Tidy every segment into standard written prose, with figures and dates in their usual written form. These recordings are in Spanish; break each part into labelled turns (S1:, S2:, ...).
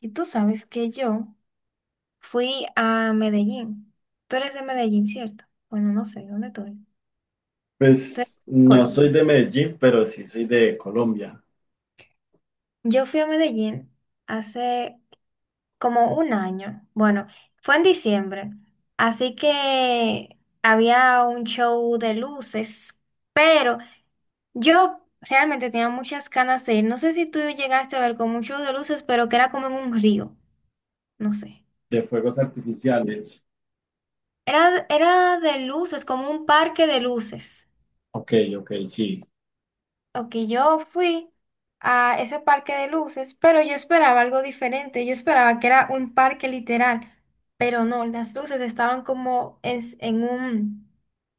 S1: Y tú sabes que yo fui a Medellín. Tú eres de Medellín, ¿cierto? Bueno, no sé, ¿dónde tú eres? Tú eres
S2: Pues
S1: de
S2: no soy
S1: Colombia.
S2: de Medellín, pero sí soy de Colombia,
S1: Yo fui a Medellín hace como un año. Bueno, fue en diciembre. Así que había un show de luces, pero yo realmente tenía muchas ganas de ir. No sé si tú llegaste a ver como un show de luces, pero que era como en un río. No sé.
S2: de fuegos artificiales.
S1: Era de luces, como un parque de luces.
S2: Ok, ok, sí.
S1: Ok, yo fui a ese parque de luces, pero yo esperaba algo diferente. Yo esperaba que era un parque literal, pero no, las luces estaban como en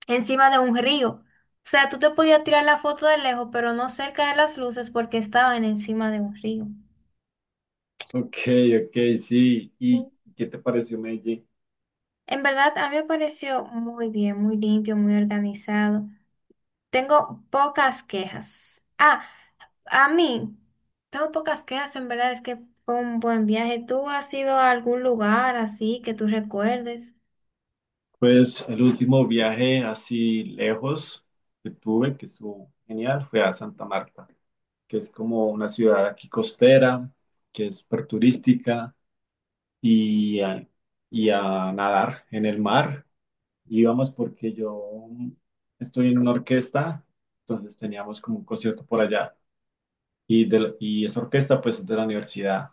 S1: encima de un río. O sea, tú te podías tirar la foto de lejos, pero no cerca de las luces porque estaban encima de un río.
S2: Ok, ok, sí. ¿Y
S1: Mm.
S2: qué te pareció Medellín?
S1: En verdad, a mí me pareció muy bien, muy limpio, muy organizado. Tengo pocas quejas. A mí, tengo pocas quejas, en verdad es que fue un buen viaje. ¿Tú has ido a algún lugar así que tú recuerdes?
S2: Pues el último viaje así lejos que tuve, que estuvo genial, fue a Santa Marta, que es como una ciudad aquí costera, que es súper turística, y a, y a nadar en el mar. Íbamos porque yo estoy en una orquesta, entonces teníamos como un concierto por allá. Y esa orquesta pues es de la universidad.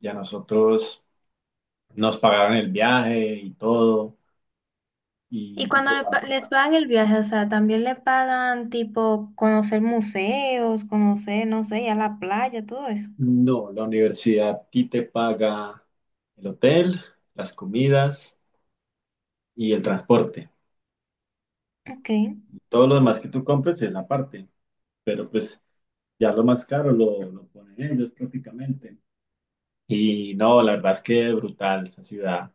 S2: Y a nosotros nos pagaron el viaje y todo,
S1: Y
S2: y
S1: cuando
S2: tocamos
S1: les
S2: allá.
S1: pagan el viaje, o sea, también le pagan tipo conocer museos, conocer, no sé, ir a la playa, todo eso.
S2: No, la universidad a ti te paga el hotel, las comidas y el transporte.
S1: Ok.
S2: Todo lo demás que tú compres es aparte, pero pues ya lo más caro lo ponen ellos prácticamente. Y no, la verdad es que brutal esa ciudad,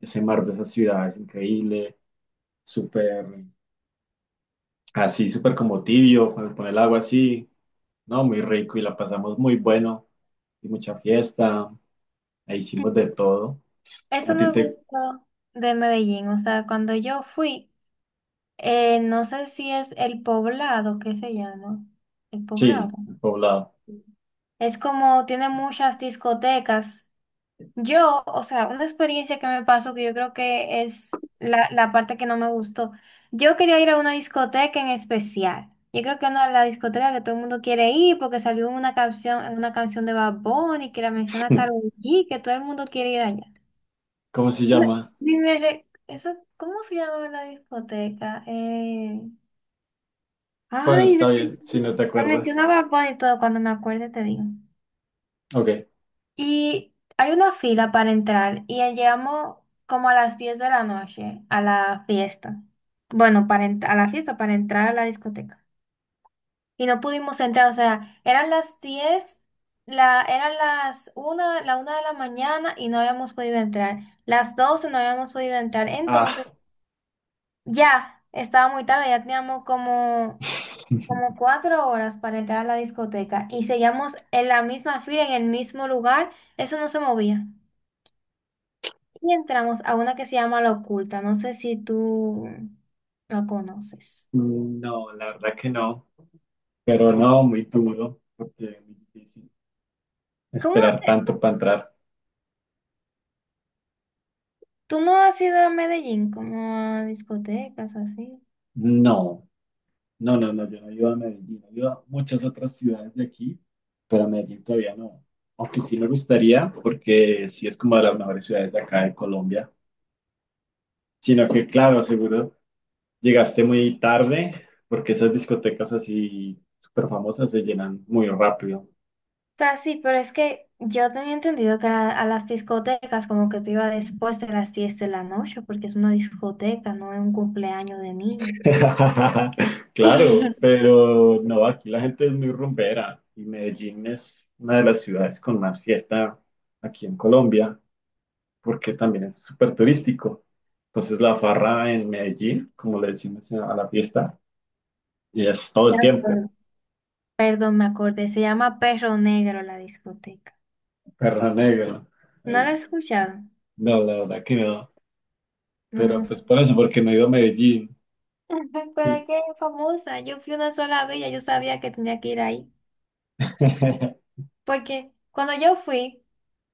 S2: ese mar de esa ciudad es increíble, súper así, súper como tibio, cuando pone el agua así, no, muy rico y la pasamos muy bueno, y mucha fiesta, ahí hicimos de todo.
S1: Eso
S2: A ti
S1: me
S2: te,
S1: gustó de Medellín, o sea, cuando yo fui, no sé si es el poblado, ¿qué se llama? El poblado.
S2: sí, el poblado,
S1: Es como, tiene muchas discotecas. Yo, o sea, una experiencia que me pasó que yo creo que es la parte que no me gustó. Yo quería ir a una discoteca en especial. Yo creo que no la discoteca que todo el mundo quiere ir porque salió una canción, en una canción de Bad Bunny que la menciona Karol G, que todo el mundo quiere ir allá.
S2: ¿cómo se
S1: Me-
S2: llama?
S1: Dime, eso, ¿cómo se llamaba la discoteca?
S2: Bueno,
S1: Ay,
S2: está bien, si no te
S1: la
S2: acuerdas.
S1: mencionaba Bad Bunny y todo, cuando me acuerde te digo.
S2: Ok.
S1: Y hay una fila para entrar y llegamos como a las 10 de la noche a la fiesta. Bueno, a la fiesta, para entrar a la discoteca. Y no pudimos entrar, o sea, eran eran las una la una de la mañana y no habíamos podido entrar. Las 12 no habíamos podido entrar.
S2: Ah.
S1: Entonces, ya estaba muy tarde, ya teníamos como cuatro horas para entrar a la discoteca y seguíamos en la misma fila, en el mismo lugar. Eso no se movía. Y entramos a una que se llama La Oculta. No sé si tú la conoces.
S2: No, la verdad que no, pero no, muy duro, porque es muy difícil
S1: ¿Cómo?
S2: esperar tanto para entrar.
S1: ¿Tú no has ido a Medellín como a discotecas así?
S2: No, no, no, no, yo no iba a Medellín, yo iba a muchas otras ciudades de aquí, pero a Medellín todavía no. Aunque sí me gustaría, porque sí es como de las mejores ciudades de acá de Colombia. Sino que, claro, seguro llegaste muy tarde, porque esas discotecas así súper famosas se llenan muy rápido.
S1: O sea, sí, pero es que yo tenía entendido que a las discotecas como que tú ibas después de las 10 de la noche porque es una discoteca, no es un cumpleaños de niño.
S2: Claro, pero no, aquí la gente es muy rumbera y Medellín es una de las ciudades con más fiesta aquí en Colombia. Porque también es súper turístico. Entonces la farra en Medellín, como le decimos a la fiesta, y es todo el
S1: Me
S2: tiempo,
S1: acuerdo. Perdón, me acordé. Se llama Perro Negro la discoteca.
S2: perro negro.
S1: ¿No
S2: Eh,
S1: la he escuchado?
S2: No, la verdad que no.
S1: No, no.
S2: Pero pues por eso, porque no he ido a Medellín.
S1: Pero es que es famosa. Yo fui una sola vez, y ya yo sabía que tenía que ir ahí. Porque cuando yo fui,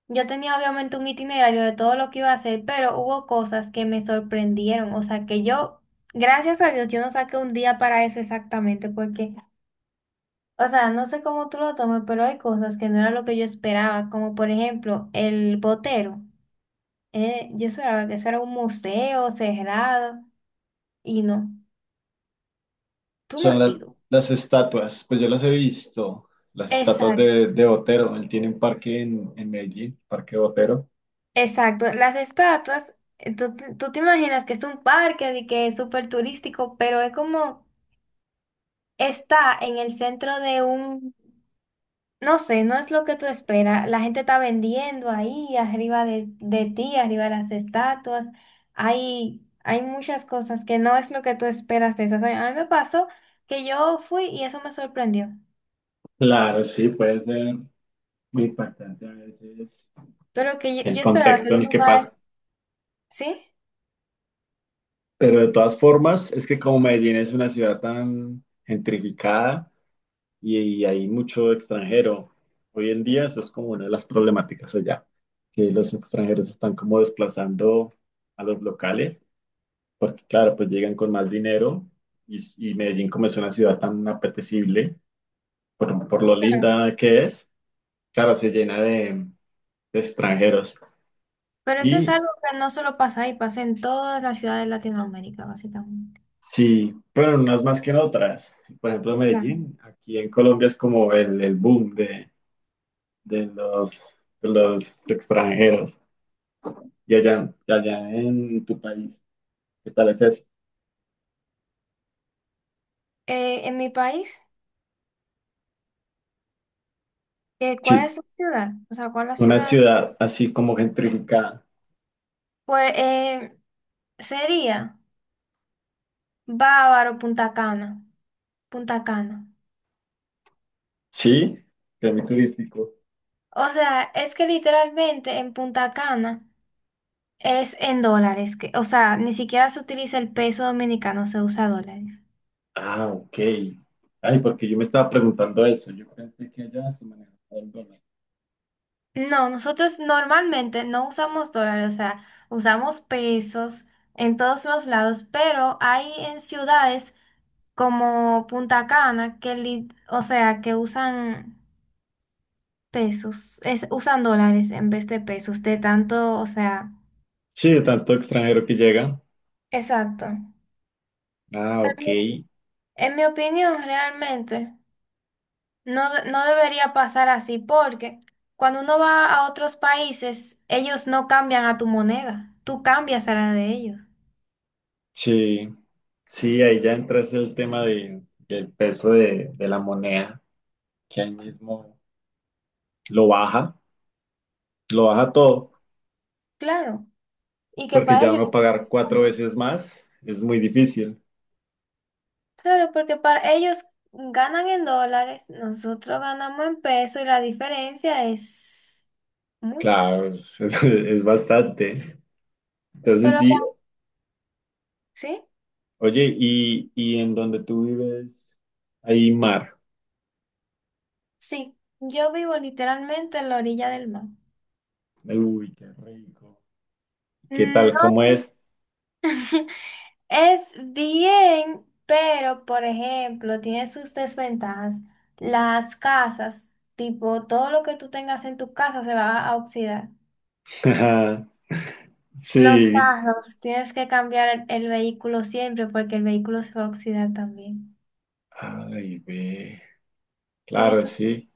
S1: yo tenía obviamente un itinerario de todo lo que iba a hacer, pero hubo cosas que me sorprendieron. O sea, que yo, gracias a Dios, yo no saqué un día para eso exactamente, porque, o sea, no sé cómo tú lo tomes, pero hay cosas que no era lo que yo esperaba, como por ejemplo el botero. Yo esperaba que eso era un museo cerrado y no, tú no
S2: Son
S1: has sido.
S2: las estatuas, pues yo las he visto, las estatuas de Botero. Él tiene un parque en Medellín, Parque Botero.
S1: Exacto, las estatuas, tú te imaginas que es un parque y que es súper turístico, pero es como está en el centro de un, no sé, no es lo que tú esperas. La gente está vendiendo ahí, de ti, arriba de las estatuas. Hay muchas cosas que no es lo que tú esperas de eso. O sea, a mí me pasó que yo fui y eso me sorprendió,
S2: Claro, sí, puede ser muy impactante a veces
S1: pero que yo,
S2: el
S1: yo esperaba que
S2: contexto
S1: era
S2: en
S1: un
S2: el que pasa.
S1: lugar, ¿sí?
S2: Pero de todas formas, es que como Medellín es una ciudad tan gentrificada y hay mucho extranjero, hoy en día eso es como una de las problemáticas allá, que los extranjeros están como desplazando a los locales, porque claro, pues llegan con más dinero y, y Medellín como es una ciudad tan apetecible, por lo linda que es, claro, se llena de extranjeros.
S1: Pero eso es
S2: Y
S1: algo que no solo pasa ahí, pasa en todas las ciudades de Latinoamérica, básicamente.
S2: sí, pero en unas más que en otras. Por ejemplo,
S1: Claro.
S2: Medellín, aquí en Colombia es como el boom de los, de los extranjeros. Y allá en tu país, ¿qué tal es eso?
S1: En mi país, ¿cuál
S2: Sí,
S1: es la ciudad? O sea, ¿cuál es la
S2: una
S1: ciudad?
S2: ciudad así como gentrificada.
S1: Pues eh, sería Bávaro, Punta Cana. Punta Cana.
S2: Sí, turístico.
S1: O sea, es que literalmente en Punta Cana es en dólares, que, o sea, ni siquiera se utiliza el peso dominicano, se usa dólares.
S2: Ah, ok. Ay, porque yo me estaba preguntando eso. Yo pensé que allá se manejaba el dólar.
S1: No, nosotros normalmente no usamos dólares, o sea, usamos pesos en todos los lados, pero hay en ciudades como Punta Cana, que o sea, que usan dólares en vez de pesos, de tanto, o sea,
S2: Sí, de tanto extranjero que llega.
S1: exacto. O
S2: Ah,
S1: sea,
S2: ok.
S1: en mi opinión, realmente, no debería pasar así, porque cuando uno va a otros países, ellos no cambian a tu moneda, tú cambias a la de ellos.
S2: Sí, sí, ahí ya entra ese el tema del peso de la moneda, que ahí mismo lo baja, lo baja todo,
S1: Claro, y que
S2: porque
S1: para
S2: ya
S1: ellos
S2: uno
S1: es
S2: pagar
S1: más
S2: cuatro
S1: común.
S2: veces más es muy difícil.
S1: Claro, porque para ellos ganan en dólares, nosotros ganamos en pesos y la diferencia es mucha.
S2: Claro, es bastante. Entonces
S1: Pero,
S2: sí,
S1: acá- ¿Sí?
S2: oye, y en donde tú vives, hay mar.
S1: Sí. Yo vivo literalmente en la orilla del mar.
S2: Uy, qué rico. ¿Qué tal? ¿Cómo
S1: No.
S2: es?
S1: Es bien, pero, por ejemplo, tiene sus desventajas. Las casas, tipo, todo lo que tú tengas en tu casa se va a oxidar. Los
S2: Sí.
S1: carros, tienes que cambiar el vehículo siempre porque el vehículo se va a oxidar también.
S2: Ay, ve.
S1: Tiene
S2: Claro,
S1: sus
S2: sí.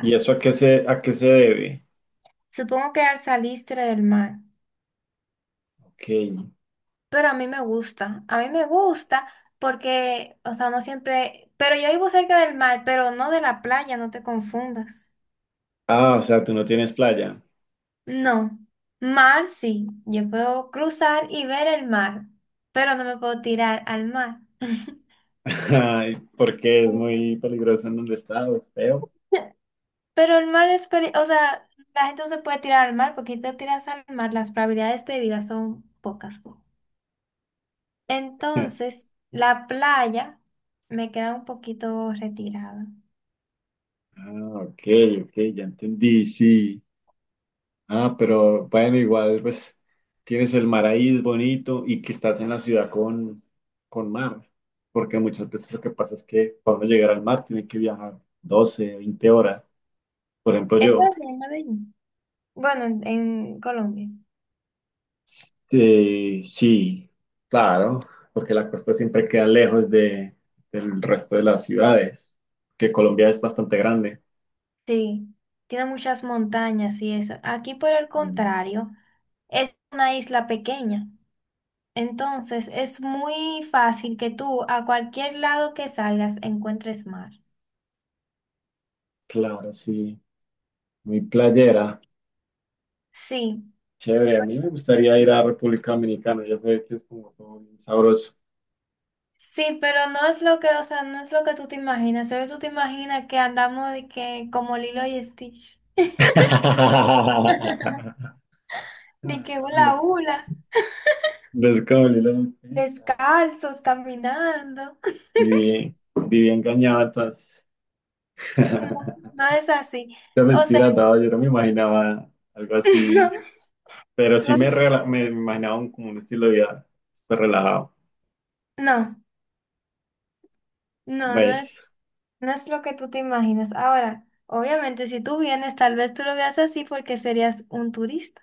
S2: ¿Y eso a qué se debe?
S1: Supongo que al saliste del mar.
S2: Ok.
S1: Pero a mí me gusta, a mí me gusta porque, o sea, no siempre, pero yo vivo cerca del mar, pero no de la playa, no te confundas.
S2: Ah, o sea, tú no tienes playa.
S1: No, mar sí, yo puedo cruzar y ver el mar, pero no me puedo tirar al mar.
S2: Ay, ¿por qué? Es muy peligroso en donde estás, es feo.
S1: Pero el mar es, o sea, la gente no se puede tirar al mar porque si te tiras al mar, las probabilidades de vida son pocas. Entonces, la playa me queda un poquito retirada.
S2: Ah, ok, ok, ya entendí, sí. Ah, pero bueno, igual pues tienes el mar ahí, es bonito, y que estás en la ciudad con mar, porque muchas veces lo que pasa es que para uno llegar al mar tiene que viajar 12, 20 horas. Por ejemplo,
S1: Eso
S2: yo.
S1: es la de allí. Bueno, en Colombia.
S2: Sí, sí, claro, porque la costa siempre queda lejos del resto de las ciudades, que Colombia es bastante grande.
S1: Sí, tiene muchas montañas y eso. Aquí, por el
S2: Mm,
S1: contrario, es una isla pequeña. Entonces, es muy fácil que tú a cualquier lado que salgas encuentres mar.
S2: claro, sí, muy playera,
S1: Sí,
S2: chévere. A mí me gustaría ir a República Dominicana, ya sé que es como todo bien sabroso.
S1: sí, pero no es lo que, o sea, no es lo que tú te imaginas. Solo tú te imaginas que andamos de que como Lilo y Stitch, de
S2: Ah,
S1: que
S2: no,
S1: hula
S2: les,
S1: hula,
S2: les cabalé la boquita.
S1: descalzos, caminando.
S2: Viví, viví engañado entonces.
S1: No,
S2: La
S1: no es así. O sea,
S2: mentira, no, yo no me imaginaba algo así. Pero sí
S1: no,
S2: me, rela- me imaginaba un, como un estilo de vida súper relajado.
S1: No, no
S2: Pues,
S1: es, no es lo que tú te imaginas. Ahora, obviamente, si tú vienes, tal vez tú lo veas así porque serías un turista.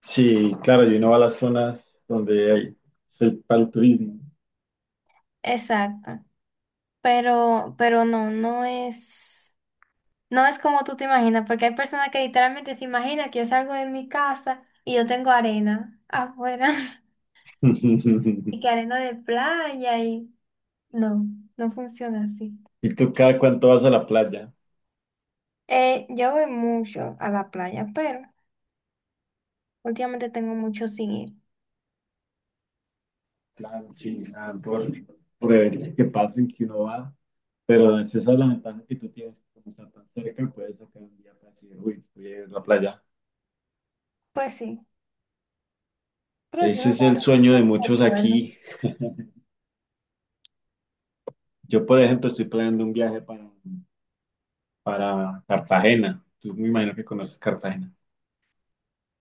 S2: sí, claro, y uno va a las zonas donde hay es el, para el turismo.
S1: Exacto. Pero no, no es, no es como tú te imaginas, porque hay personas que literalmente se imaginan que yo salgo de mi casa y yo tengo arena afuera y que arena de playa y no, no funciona así.
S2: ¿Y tú cada cuánto vas a la playa?
S1: Yo voy mucho a la playa, pero últimamente tengo mucho sin ir.
S2: Claro, sí, nada, por eventos que pasen que uno va. Pero es esa la ventana que tú tienes, como está tan cerca, puedes sacar un día para decir, uy, voy a ir a la playa.
S1: Pues sí. Pero sí
S2: Ese
S1: me
S2: es el
S1: guardo
S2: sueño de
S1: muchos
S2: muchos
S1: recuerdos.
S2: aquí. Yo, por ejemplo, estoy planeando un viaje para Cartagena. Tú me imagino que conoces Cartagena.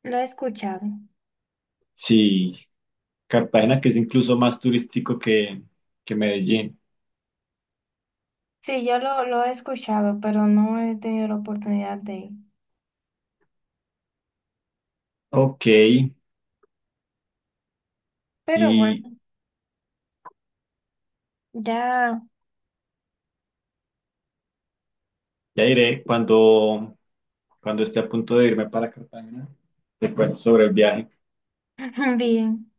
S1: Lo he escuchado.
S2: Sí, Cartagena que es incluso más turístico que Medellín.
S1: Sí, lo he escuchado, pero no he tenido la oportunidad de ir.
S2: Ok,
S1: Pero bueno,
S2: y
S1: ya
S2: ya iré cuando, cuando esté a punto de irme para Cartagena, te cuento sobre el viaje.
S1: bien.